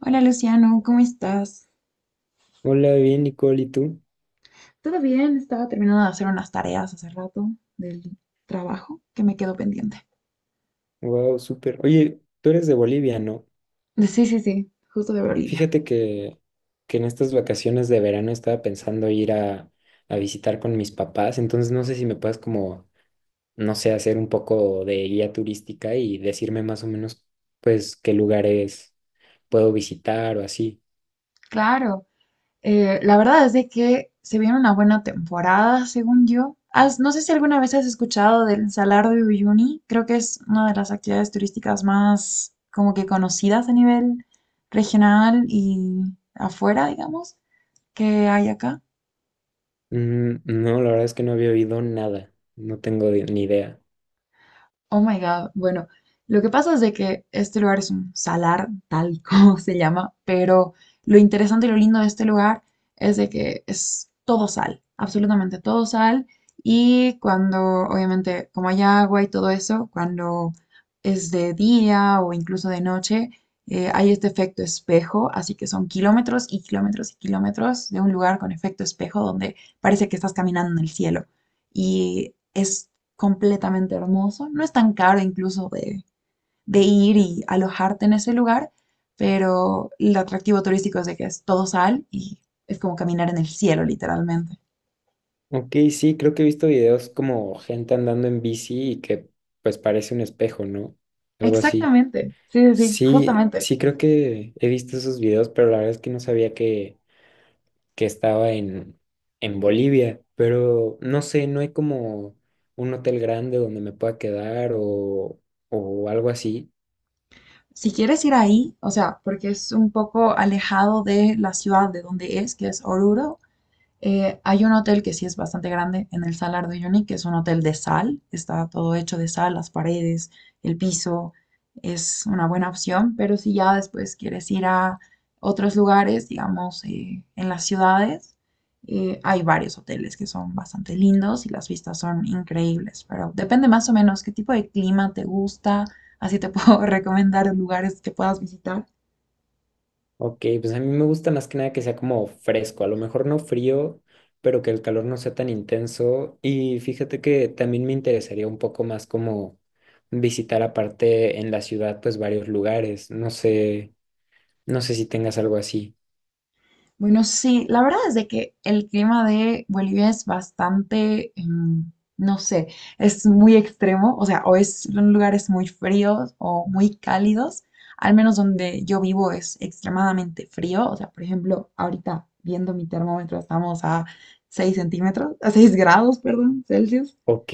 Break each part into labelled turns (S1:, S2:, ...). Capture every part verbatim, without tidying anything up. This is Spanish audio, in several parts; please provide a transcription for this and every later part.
S1: Hola Luciano, ¿cómo estás?
S2: Hola, bien, Nicole, ¿y tú?
S1: Todo bien, estaba terminando de hacer unas tareas hace rato del trabajo que me quedó pendiente.
S2: Wow, súper. Oye, tú eres de Bolivia, ¿no?
S1: Sí, sí, sí. Justo de Bolivia.
S2: Fíjate que, que en estas vacaciones de verano estaba pensando ir a, a visitar con mis papás, entonces no sé si me puedes como, no sé, hacer un poco de guía turística y decirme más o menos, pues, qué lugares puedo visitar o así.
S1: Claro. Eh, la verdad es de que se viene una buena temporada, según yo. Has- no sé si alguna vez has escuchado del Salar de Uyuni. Creo que es una de las actividades turísticas más como que conocidas a nivel regional y afuera, digamos, que hay acá.
S2: Mm, no, la verdad es que no había oído nada, no tengo ni idea.
S1: Oh my God. Bueno, lo que pasa es de que este lugar es un salar, tal como se llama, pero lo interesante y lo lindo de este lugar es de que es todo sal, absolutamente todo sal. Y cuando, obviamente, como hay agua y todo eso, cuando es de día o incluso de noche, eh, hay este efecto espejo, así que son kilómetros y kilómetros y kilómetros de un lugar con efecto espejo donde parece que estás caminando en el cielo. Y es completamente hermoso. No es tan caro incluso de, de ir y alojarte en ese lugar, pero el atractivo turístico es de que es todo sal y es como caminar en el cielo, literalmente.
S2: Ok, sí, creo que he visto videos como gente andando en bici y que pues parece un espejo, ¿no? Algo así.
S1: Exactamente, sí, sí, sí,
S2: Sí,
S1: justamente.
S2: sí creo que he visto esos videos, pero la verdad es que no sabía que, que estaba en, en Bolivia. Pero no sé, no hay como un hotel grande donde me pueda quedar o, o algo así.
S1: Si quieres ir ahí, o sea, porque es un poco alejado de la ciudad de donde es, que es Oruro, Eh, hay un hotel que sí es bastante grande en el Salar de Uyuni, que es un hotel de sal, está todo hecho de sal, las paredes, el piso, es una buena opción, pero si ya después quieres ir a otros lugares, digamos, eh, en las ciudades, eh, hay varios hoteles que son bastante lindos y las vistas son increíbles, pero depende más o menos qué tipo de clima te gusta, así te puedo recomendar lugares que puedas visitar.
S2: Ok, pues a mí me gusta más que nada que sea como fresco, a lo mejor no frío, pero que el calor no sea tan intenso. Y fíjate que también me interesaría un poco más como visitar aparte en la ciudad, pues varios lugares. No sé, no sé si tengas algo así.
S1: Bueno, sí, la verdad es de que el clima de Bolivia es bastante, em, no sé, es muy extremo, o sea, o es en lugares muy fríos o muy cálidos, al menos donde yo vivo es extremadamente frío, o sea, por ejemplo, ahorita viendo mi termómetro estamos a seis centímetros, a seis grados, perdón, Celsius.
S2: Ok.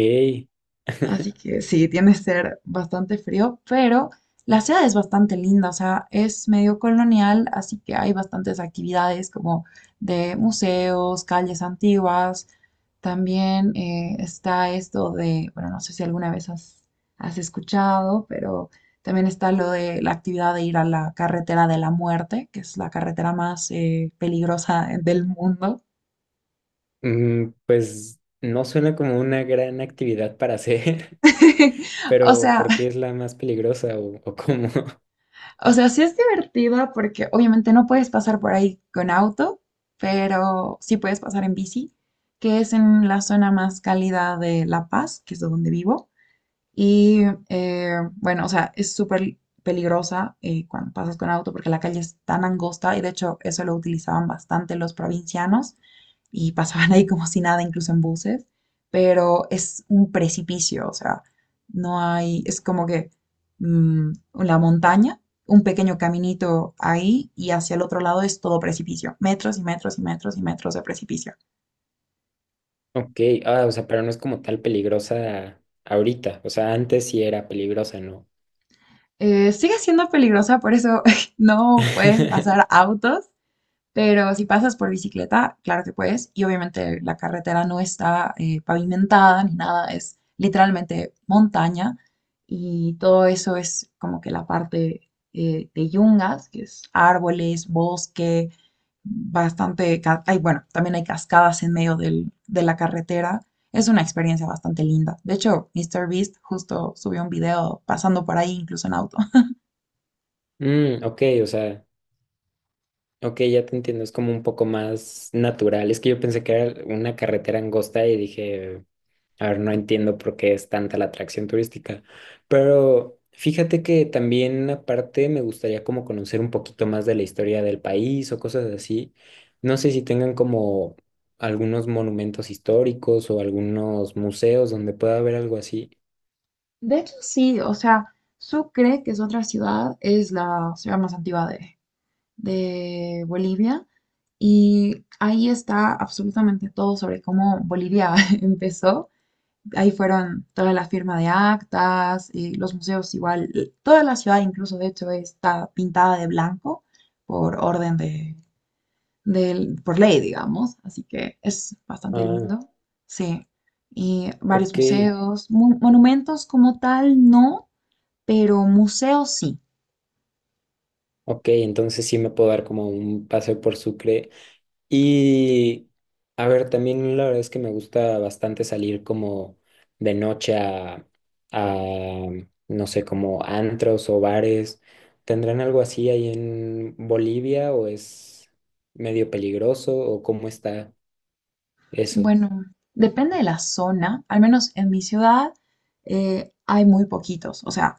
S1: Así que sí, tiene que ser bastante frío, pero la ciudad es bastante linda, o sea, es medio colonial, así que hay bastantes actividades como de museos, calles antiguas. También eh, está esto de, bueno, no sé si alguna vez has, has escuchado, pero también está lo de la actividad de ir a la carretera de la muerte, que es la carretera más eh, peligrosa del mundo.
S2: Mm, pues no suena como una gran actividad para hacer.
S1: O
S2: Pero
S1: sea,
S2: ¿por qué es la más peligrosa o, o cómo?
S1: o sea, sí es divertida porque obviamente no puedes pasar por ahí con auto, pero sí puedes pasar en bici, que es en la zona más cálida de La Paz, que es de donde vivo. Y eh, bueno, o sea, es súper peligrosa eh, cuando pasas con auto porque la calle es tan angosta y de hecho eso lo utilizaban bastante los provincianos y pasaban ahí como si nada, incluso en buses, pero es un precipicio, o sea, no hay, es como que mm, la montaña, un pequeño caminito ahí y hacia el otro lado es todo precipicio, metros y metros y metros y metros de precipicio.
S2: Ok, ah, o sea, pero no es como tal peligrosa ahorita. O sea, antes sí era peligrosa, ¿no?
S1: Eh, sigue siendo peligrosa, por eso no pueden pasar autos. Pero si pasas por bicicleta, claro que puedes. Y obviamente la carretera no está eh, pavimentada ni nada, es literalmente montaña. Y todo eso es como que la parte eh, de yungas, que es árboles, bosque, bastante... ca- Hay, bueno, también hay cascadas en medio del- de la carretera. Es una experiencia bastante linda. De hecho, míster Beast justo subió un video pasando por ahí, incluso en auto.
S2: Mm, ok, o sea, ok, ya te entiendo. Es como un poco más natural. Es que yo pensé que era una carretera angosta y dije. A ver, no entiendo por qué es tanta la atracción turística, pero fíjate que también aparte me gustaría como conocer un poquito más de la historia del país o cosas así. No sé si tengan como algunos monumentos históricos o algunos museos donde pueda haber algo así.
S1: De hecho, sí, o sea, Sucre, que es otra ciudad, es la ciudad más antigua de, de Bolivia y ahí está absolutamente todo sobre cómo Bolivia empezó. Ahí fueron toda la firma de actas y los museos igual. Y toda la ciudad incluso, de hecho, está pintada de blanco por orden de, del- por ley, digamos. Así que es bastante
S2: Ah,
S1: lindo. Sí. Y varios
S2: ok,
S1: museos, mon- monumentos como tal, no, pero museos sí.
S2: ok, entonces sí me puedo dar como un paseo por Sucre. Y a ver, también la verdad es que me gusta bastante salir como de noche a, a, no sé, como antros o bares. ¿Tendrán algo así ahí en Bolivia o es medio peligroso o cómo está eso?
S1: Bueno, depende de la zona, al menos en mi ciudad eh, hay muy poquitos. O sea,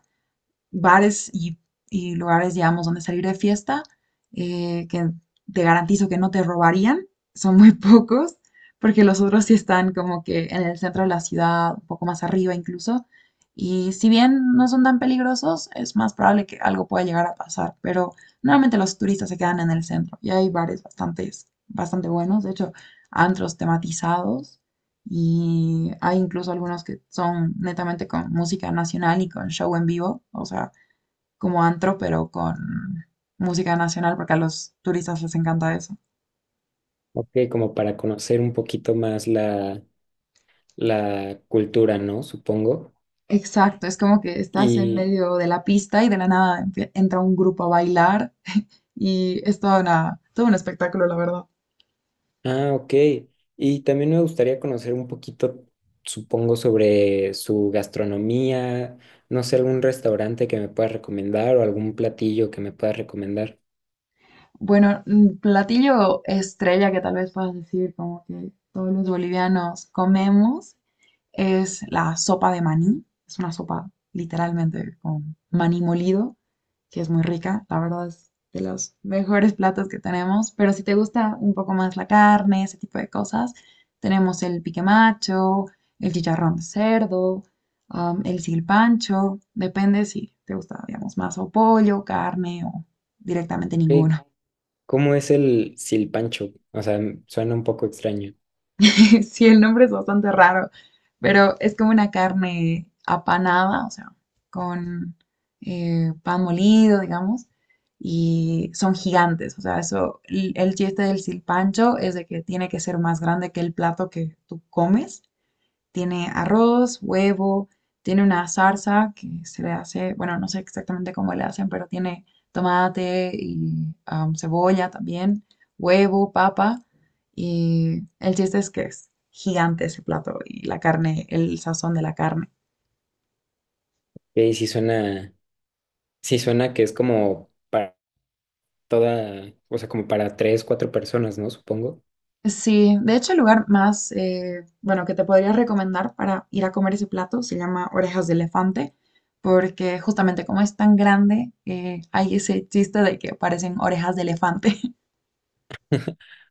S1: bares y, y lugares, digamos, donde salir de fiesta, eh, que te garantizo que no te robarían, son muy pocos, porque los otros sí están como que en el centro de la ciudad, un poco más arriba incluso. Y si bien no son tan peligrosos, es más probable que algo pueda llegar a pasar, pero normalmente los turistas se quedan en el centro y hay bares bastantes, bastante buenos, de hecho, antros tematizados, y hay incluso algunos que son netamente con música nacional y con show en vivo, o sea, como antro, pero con música nacional, porque a los turistas les encanta eso.
S2: Ok, como para conocer un poquito más la, la cultura, ¿no? Supongo.
S1: Exacto, es como que estás en
S2: Y
S1: medio de la pista y de la nada empie- entra un grupo a bailar y es toda una, todo un espectáculo, la verdad.
S2: ah, ok. Y también me gustaría conocer un poquito, supongo, sobre su gastronomía, no sé, algún restaurante que me puedas recomendar o algún platillo que me puedas recomendar.
S1: Bueno, mm, platillo estrella que tal vez puedas decir como que todos los bolivianos comemos es la sopa de maní. Es una sopa literalmente con maní molido, que es muy rica. La verdad es de los mejores platos que tenemos. Pero si te gusta un poco más la carne, ese tipo de cosas, tenemos el pique macho, el chicharrón de cerdo, um, el silpancho. Depende si te gusta, digamos, más o pollo, carne o directamente
S2: Ok,
S1: ninguno.
S2: ¿cómo es el silpancho? O sea, m- suena un poco extraño.
S1: Sí, el nombre es bastante raro, pero es como una carne apanada, o sea, con eh, pan molido, digamos, y son gigantes, o sea, eso, el el chiste del silpancho es de que tiene que ser más grande que el plato que tú comes, tiene arroz, huevo, tiene una salsa que se le hace, bueno, no sé exactamente cómo le hacen, pero tiene tomate y am, cebolla también, huevo, papa. Y el chiste es que es gigante ese plato y la carne, el sazón de la carne.
S2: Ok, sí suena, sí suena que es como para toda, o sea, como para tres, cuatro personas, ¿no? Supongo.
S1: Sí, de hecho el lugar más, eh, bueno, que te podría recomendar para ir a comer ese plato se llama Orejas de Elefante, porque justamente como es tan grande, eh, hay ese chiste de que parecen orejas de elefante.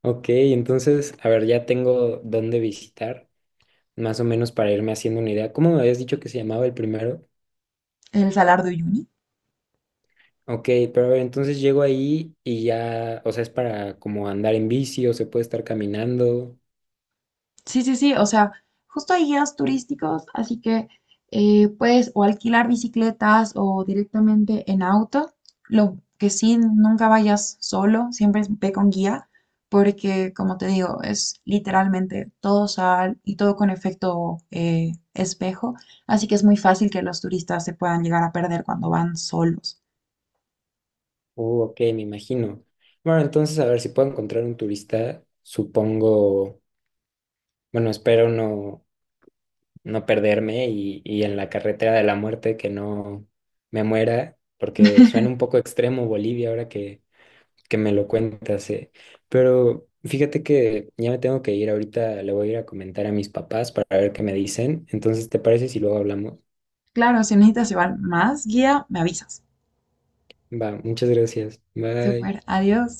S2: Ok, entonces, a ver, ya tengo dónde visitar, más o menos para irme haciendo una idea. ¿Cómo me habías dicho que se llamaba el primero?
S1: El Salar de Uyuni.
S2: Ok, pero a ver, entonces llego ahí y ya, o sea, es para como andar en bici o se puede estar caminando.
S1: Sí, sí, sí, o sea, justo hay guías turísticos, así que eh, puedes o alquilar bicicletas o directamente en auto. Lo que sí, nunca vayas solo, siempre ve con guía, porque como te digo, es literalmente todo sal y todo con efecto eh, espejo, así que es muy fácil que los turistas se puedan llegar a perder cuando van solos.
S2: Uh, ok, me imagino. Bueno, entonces a ver si puedo encontrar un turista, supongo, bueno, espero no, no perderme y, y en la carretera de la muerte que no me muera, porque suena un poco extremo Bolivia ahora que, que me lo cuentas, eh. Pero fíjate que ya me tengo que ir ahorita, le voy a ir a comentar a mis papás para ver qué me dicen. Entonces, ¿te parece si luego hablamos?
S1: Claro, si necesitas llevar más guía, me avisas.
S2: Va, muchas gracias.
S1: Súper,
S2: Bye.
S1: adiós.